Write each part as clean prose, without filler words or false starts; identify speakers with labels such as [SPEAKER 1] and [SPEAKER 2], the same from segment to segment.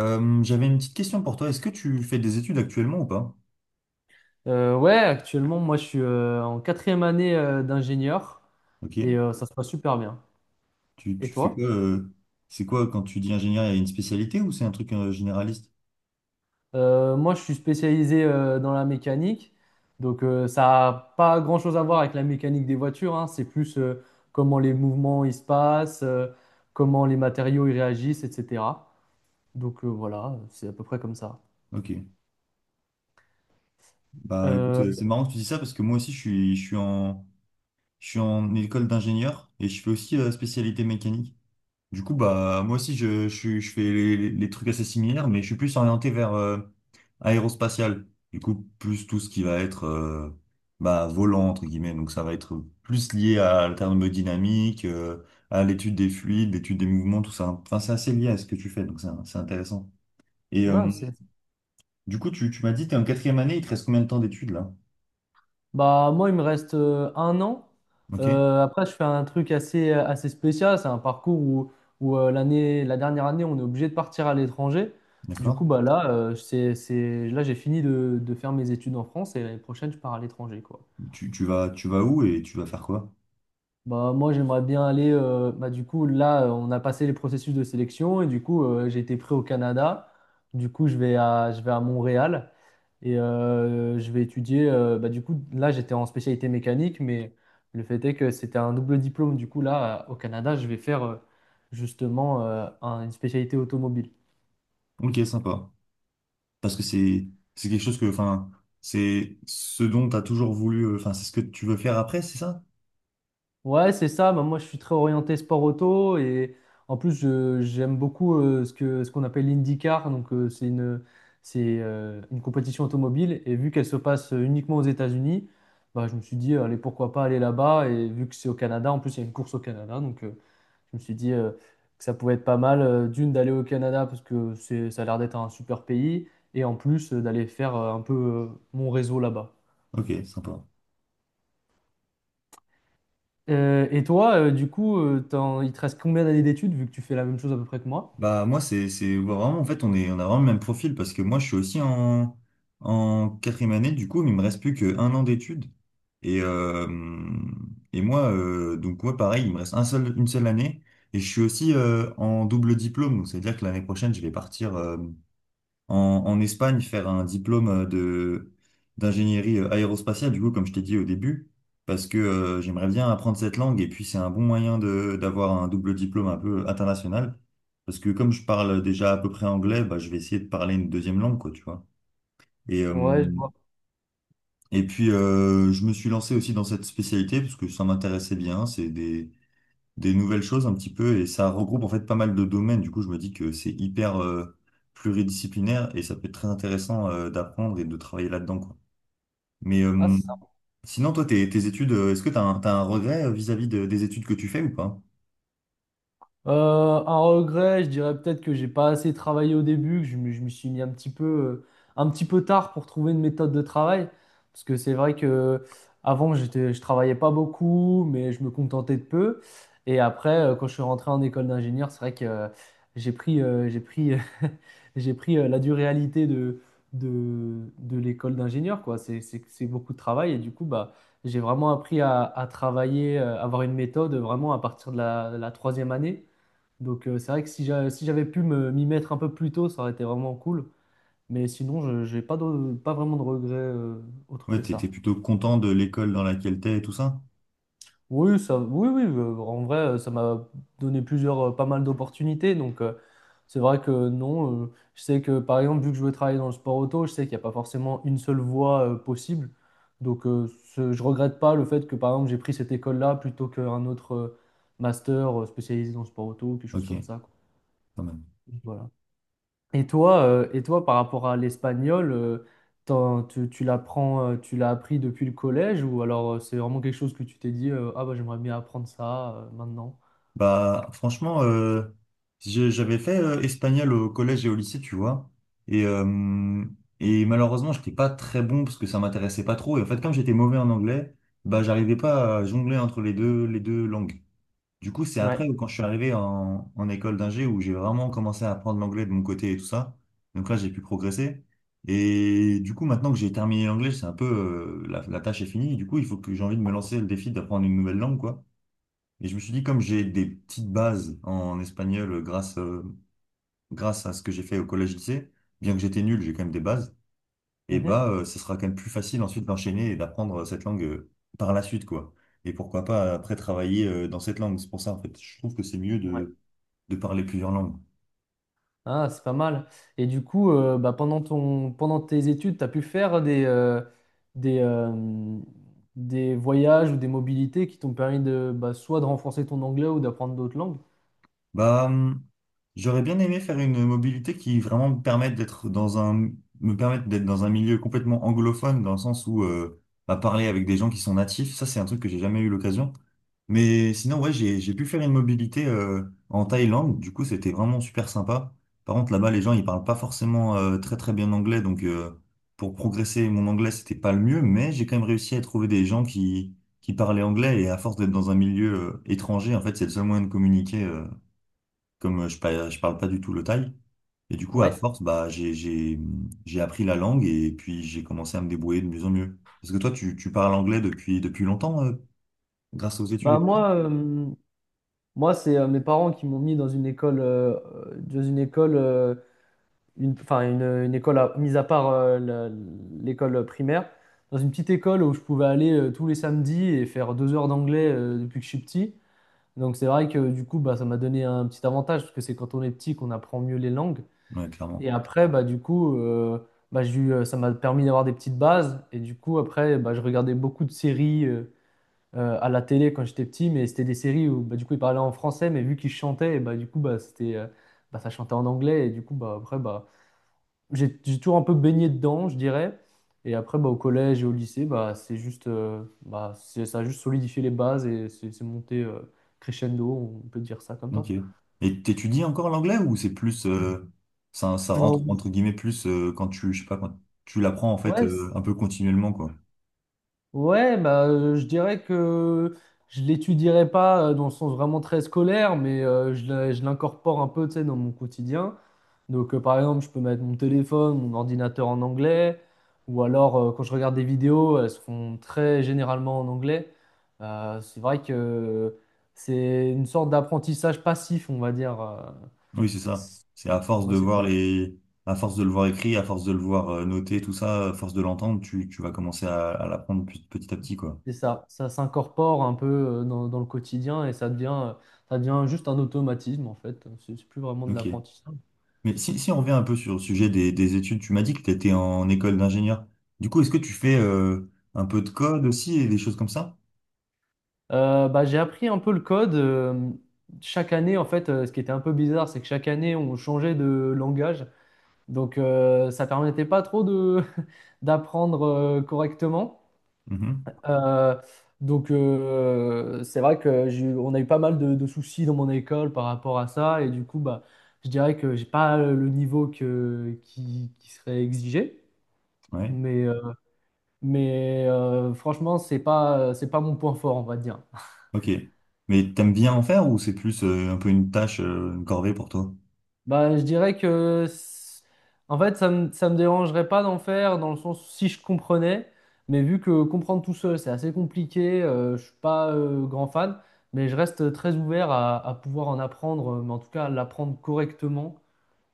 [SPEAKER 1] J'avais une petite question pour toi. Est-ce que tu fais des études actuellement ou pas?
[SPEAKER 2] Ouais, actuellement, moi, je suis en quatrième année d'ingénieur et
[SPEAKER 1] Ok.
[SPEAKER 2] ça se passe super bien.
[SPEAKER 1] Tu,
[SPEAKER 2] Et
[SPEAKER 1] tu fais
[SPEAKER 2] toi?
[SPEAKER 1] quoi c'est quoi quand tu dis ingénieur, il y a une spécialité ou c'est un truc généraliste?
[SPEAKER 2] Moi, je suis spécialisé dans la mécanique, donc ça n'a pas grand-chose à voir avec la mécanique des voitures, hein. C'est plus comment les mouvements ils se passent, comment les matériaux ils réagissent, etc. Donc voilà, c'est à peu près comme ça.
[SPEAKER 1] Ok. Bah écoute,
[SPEAKER 2] Euh,
[SPEAKER 1] c'est marrant que tu dis ça parce que moi aussi je suis en école d'ingénieur et je fais aussi spécialité mécanique. Du coup, bah, moi aussi, je fais les trucs assez similaires, mais je suis plus orienté vers aérospatial. Du coup, plus tout ce qui va être bah, volant, entre guillemets. Donc, ça va être plus lié à la thermodynamique, à l'étude des fluides, l'étude des mouvements, tout ça. Enfin, c'est assez lié à ce que tu fais, donc c'est intéressant. Et
[SPEAKER 2] non, c'est-
[SPEAKER 1] du coup, tu m'as dit, tu es en quatrième année, il te reste combien de temps d'études là?
[SPEAKER 2] Bah, moi, il me reste un an.
[SPEAKER 1] Ok,
[SPEAKER 2] Après, je fais un truc assez spécial. C'est un parcours où l'année, la dernière année, on est obligé de partir à l'étranger. Du coup,
[SPEAKER 1] d'accord.
[SPEAKER 2] bah, là, là j'ai fini de faire mes études en France et l'année prochaine, je pars à l'étranger, quoi.
[SPEAKER 1] Tu vas où et tu vas faire quoi?
[SPEAKER 2] Bah, moi, j'aimerais bien aller. Bah, du coup, là, on a passé les processus de sélection et du coup, j'ai été pris au Canada. Du coup, je vais à Montréal et je vais étudier. Bah, du coup, là, j'étais en spécialité mécanique, mais le fait est que c'était un double diplôme. Du coup, là, au Canada, je vais faire justement une spécialité automobile.
[SPEAKER 1] Ok, sympa. Parce que c'est quelque chose que, enfin, c'est ce dont tu as toujours voulu enfin c'est ce que tu veux faire après, c'est ça?
[SPEAKER 2] Ouais, c'est ça. Bah, moi, je suis très orienté sport auto et en plus, j'aime beaucoup ce ce qu'on appelle l'IndyCar. Donc, une compétition automobile et vu qu'elle se passe uniquement aux États-Unis, bah, je me suis dit, allez, pourquoi pas aller là-bas et vu que c'est au Canada, en plus, il y a une course au Canada. Donc, je me suis dit que ça pouvait être pas mal d'aller au Canada parce que ça a l'air d'être un super pays et en plus d'aller faire un peu mon réseau là-bas.
[SPEAKER 1] Ok, sympa.
[SPEAKER 2] Et toi, il te reste combien d'années d'études vu que tu fais la même chose à peu près que moi?
[SPEAKER 1] Bah moi c'est ouais, vraiment, en fait, on a vraiment le même profil parce que moi je suis aussi en quatrième année du coup, mais il me reste plus qu'un an d'études et euh, et moi donc moi pareil, il me reste un seul une seule année et je suis aussi en double diplôme, donc c'est à dire que l'année prochaine je vais partir en, en Espagne faire un diplôme de d'ingénierie aérospatiale, du coup, comme je t'ai dit au début, parce que j'aimerais bien apprendre cette langue et puis c'est un bon moyen de d'avoir un double diplôme un peu international. Parce que comme je parle déjà à peu près anglais, bah, je vais essayer de parler une deuxième langue, quoi, tu vois. Et, euh,
[SPEAKER 2] Ouais, je vois.
[SPEAKER 1] et puis, je me suis lancé aussi dans cette spécialité parce que ça m'intéressait bien. C'est des nouvelles choses un petit peu et ça regroupe en fait pas mal de domaines. Du coup, je me dis que c'est hyper pluridisciplinaire et ça peut être très intéressant d'apprendre et de travailler là-dedans, quoi. Mais
[SPEAKER 2] Ah.
[SPEAKER 1] sinon, toi, tes études, est-ce que tu as un, t'as un regret vis-à-vis de des études que tu fais ou pas?
[SPEAKER 2] Un regret, je dirais peut-être que j'ai pas assez travaillé au début, je me suis mis un petit peu tard pour trouver une méthode de travail. Parce que c'est vrai que avant, je travaillais pas beaucoup, mais je me contentais de peu. Et après, quand je suis rentré en école d'ingénieur, c'est vrai que j'ai pris, euh, j'ai pris, j'ai pris la dure réalité de l'école d'ingénieur, quoi. C'est beaucoup de travail et du coup, bah, j'ai vraiment appris à travailler, avoir une méthode vraiment à partir de la troisième année. Donc c'est vrai que si j'avais pu m'y mettre un peu plus tôt, ça aurait été vraiment cool. Mais sinon, je j'ai pas vraiment de regrets autres
[SPEAKER 1] Ouais,
[SPEAKER 2] que
[SPEAKER 1] t'es
[SPEAKER 2] ça.
[SPEAKER 1] plutôt content de l'école dans laquelle t'es et tout ça?
[SPEAKER 2] Oui, ça, oui, oui, en vrai, ça m'a donné pas mal d'opportunités. Donc c'est vrai que non, je sais que par exemple, vu que je veux travailler dans le sport auto, je sais qu'il n'y a pas forcément une seule voie possible. Donc je regrette pas le fait que par exemple, j'ai pris cette école-là plutôt qu'un autre master spécialisé dans le sport auto, quelque chose comme
[SPEAKER 1] Ok,
[SPEAKER 2] ça, quoi.
[SPEAKER 1] quand même.
[SPEAKER 2] Voilà. Et toi, par rapport à l'espagnol, tu, tu l'apprends, tu l'as appris depuis le collège ou alors c'est vraiment quelque chose que tu t'es dit, ah bah j'aimerais bien apprendre ça maintenant.
[SPEAKER 1] Bah, franchement, j'avais fait espagnol au collège et au lycée, tu vois. Et, euh, et malheureusement, j'étais pas très bon parce que ça m'intéressait pas trop. Et en fait, comme j'étais mauvais en anglais, bah, j'arrivais pas à jongler entre les deux langues. Du coup, c'est
[SPEAKER 2] Ouais.
[SPEAKER 1] après, quand je suis arrivé en école d'ingé, où j'ai vraiment commencé à apprendre l'anglais de mon côté et tout ça. Donc là, j'ai pu progresser. Et du coup, maintenant que j'ai terminé l'anglais, c'est un peu, la tâche est finie. Du coup, il faut que j'ai envie de me lancer le défi d'apprendre une nouvelle langue, quoi. Et je me suis dit, comme j'ai des petites bases en espagnol grâce à ce que j'ai fait au collège-lycée, bien que j'étais nul, j'ai quand même des bases, et
[SPEAKER 2] Mhm.
[SPEAKER 1] bah, ce sera quand même plus facile ensuite d'enchaîner et d'apprendre cette langue par la suite, quoi. Et pourquoi pas après travailler dans cette langue. C'est pour ça, en fait, je trouve que c'est mieux
[SPEAKER 2] Ouais.
[SPEAKER 1] de parler plusieurs langues.
[SPEAKER 2] Ah, c'est pas mal. Et du coup, pendant ton, pendant tes études, tu as pu faire des, euh, des voyages ou des mobilités qui t'ont permis de, bah, soit de renforcer ton anglais ou d'apprendre d'autres langues.
[SPEAKER 1] Bah, j'aurais bien aimé faire une mobilité qui vraiment me permette d'être dans un milieu complètement anglophone, dans le sens où, bah, parler avec des gens qui sont natifs, ça, c'est un truc que j'ai jamais eu l'occasion. Mais sinon, ouais, j'ai pu faire une mobilité en Thaïlande. Du coup, c'était vraiment super sympa. Par contre, là-bas, les gens, ils parlent pas forcément très très bien anglais. Donc, pour progresser, mon anglais, c'était pas le mieux. Mais j'ai quand même réussi à trouver des gens qui parlaient anglais. Et à force d'être dans un milieu étranger, en fait, c'est le seul moyen de communiquer. Comme je parle pas du tout le thaï. Et du coup, à
[SPEAKER 2] Ouais.
[SPEAKER 1] force, bah, j'ai appris la langue et puis j'ai commencé à me débrouiller de mieux en mieux. Parce que toi, tu parles anglais depuis, depuis longtemps, grâce aux études
[SPEAKER 2] Bah
[SPEAKER 1] et tout ça.
[SPEAKER 2] moi, euh, Moi, c'est mes parents qui m'ont mis dans une école, une, enfin une école à, mis à part l'école primaire, dans une petite école où je pouvais aller tous les samedis et faire deux heures d'anglais depuis que je suis petit. Donc c'est vrai que du coup, bah, ça m'a donné un petit avantage parce que c'est quand on est petit qu'on apprend mieux les langues.
[SPEAKER 1] Ouais, clairement.
[SPEAKER 2] Et après, bah du coup, ça m'a permis d'avoir des petites bases. Et du coup, après, bah, je regardais beaucoup de séries. À la télé quand j'étais petit, mais c'était des séries où bah, du coup ils parlaient en français, mais vu qu'ils chantaient, et bah, du coup bah, ça chantait en anglais, et du coup bah, après bah, j'ai toujours un peu baigné dedans, je dirais. Et après bah, au collège et au lycée, bah, c'est juste, ça a juste solidifié les bases et c'est monté crescendo, on peut dire ça comme ça.
[SPEAKER 1] Ok. Et t'étudies encore l'anglais ou c'est plus ça, ça rentre
[SPEAKER 2] Non,
[SPEAKER 1] entre guillemets plus quand tu, je sais pas quand tu l'apprends en fait
[SPEAKER 2] ouais.
[SPEAKER 1] un peu continuellement quoi.
[SPEAKER 2] Ouais, bah, je dirais que je l'étudierai pas dans le sens vraiment très scolaire, mais je l'incorpore un peu, tu sais, dans mon quotidien. Donc, par exemple, je peux mettre mon téléphone, mon ordinateur en anglais, ou alors quand je regarde des vidéos, elles se font très généralement en anglais. C'est vrai que c'est une sorte d'apprentissage passif, on va dire.
[SPEAKER 1] Oui, c'est ça. C'est à force
[SPEAKER 2] Moi,
[SPEAKER 1] de
[SPEAKER 2] c'est
[SPEAKER 1] voir
[SPEAKER 2] ça.
[SPEAKER 1] les, à force de le voir écrit, à force de le voir noté, tout ça, à force de l'entendre, tu vas commencer à l'apprendre petit petit à petit quoi.
[SPEAKER 2] C'est ça, ça s'incorpore un peu dans le quotidien et ça devient juste un automatisme en fait. C'est plus vraiment de
[SPEAKER 1] Ok.
[SPEAKER 2] l'apprentissage.
[SPEAKER 1] Mais si on revient un peu sur le sujet des études, tu m'as dit que tu étais en école d'ingénieur. Du coup, est-ce que tu fais un peu de code aussi et des choses comme ça?
[SPEAKER 2] J'ai appris un peu le code. Chaque année, en fait, ce qui était un peu bizarre, c'est que chaque année, on changeait de langage. Donc, ça permettait pas trop de d'apprendre correctement.
[SPEAKER 1] Mhm.
[SPEAKER 2] Euh, donc, c'est vrai que on a eu pas mal de soucis dans mon école par rapport à ça. Et du coup, bah, je dirais que j'ai pas le niveau que qui serait exigé.
[SPEAKER 1] Ouais,
[SPEAKER 2] Mais, euh, mais franchement, c'est pas mon point fort, on va dire.
[SPEAKER 1] ok. Mais t'aimes bien en faire ou c'est plus un peu une tâche, une corvée pour toi?
[SPEAKER 2] Bah, je dirais que en fait, ça me dérangerait pas d'en faire, dans le sens où si je comprenais, mais vu que comprendre tout seul, c'est assez compliqué, je suis pas grand fan, mais je reste très ouvert à pouvoir en apprendre, mais en tout cas, à l'apprendre correctement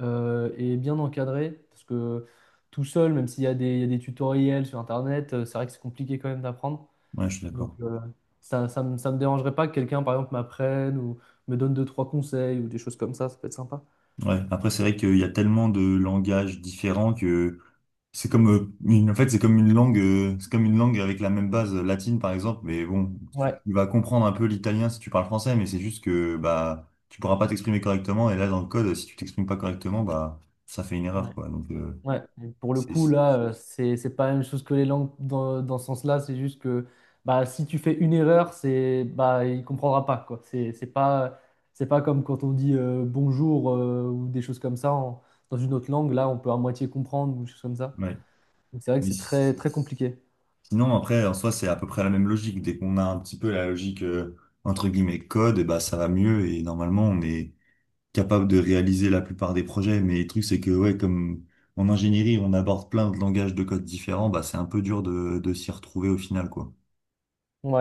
[SPEAKER 2] et bien encadré, parce que tout seul, même s'il y a il y a des tutoriels sur Internet, c'est vrai que c'est compliqué quand même d'apprendre.
[SPEAKER 1] Ouais, je suis
[SPEAKER 2] Donc,
[SPEAKER 1] d'accord.
[SPEAKER 2] ça me dérangerait pas que quelqu'un, par exemple, m'apprenne ou me donne deux, trois conseils ou des choses comme ça peut être sympa.
[SPEAKER 1] Ouais. Après, c'est vrai qu'il y a tellement de langages différents que c'est comme en fait, c'est comme une langue, c'est comme une langue avec la même base latine, par exemple. Mais bon, tu,
[SPEAKER 2] Ouais.
[SPEAKER 1] tu vas comprendre un peu l'italien si tu parles français, mais c'est juste que bah tu pourras pas t'exprimer correctement. Et là, dans le code, si tu t'exprimes pas correctement, bah ça fait une erreur, quoi. Donc
[SPEAKER 2] Ouais, et pour le
[SPEAKER 1] c'est,
[SPEAKER 2] coup, là, c'est pas la même chose que les langues dans ce sens-là. C'est juste que bah, si tu fais une erreur, c'est bah, il comprendra pas, quoi. C'est pas comme quand on dit bonjour ou des choses comme ça en- dans une autre langue. Là, on peut à moitié comprendre ou des choses comme ça.
[SPEAKER 1] ouais.
[SPEAKER 2] Donc, c'est vrai que
[SPEAKER 1] Mais
[SPEAKER 2] c'est très, très compliqué.
[SPEAKER 1] sinon, après, en soi, c'est à peu près la même logique. Dès qu'on a un petit peu la logique, entre guillemets, code, et bah, ça va mieux. Et normalement, on est capable de réaliser la plupart des projets. Mais le truc, c'est que, ouais, comme en ingénierie, on aborde plein de langages de code différents, bah, c'est un peu dur de s'y retrouver au final, quoi.
[SPEAKER 2] Ouais.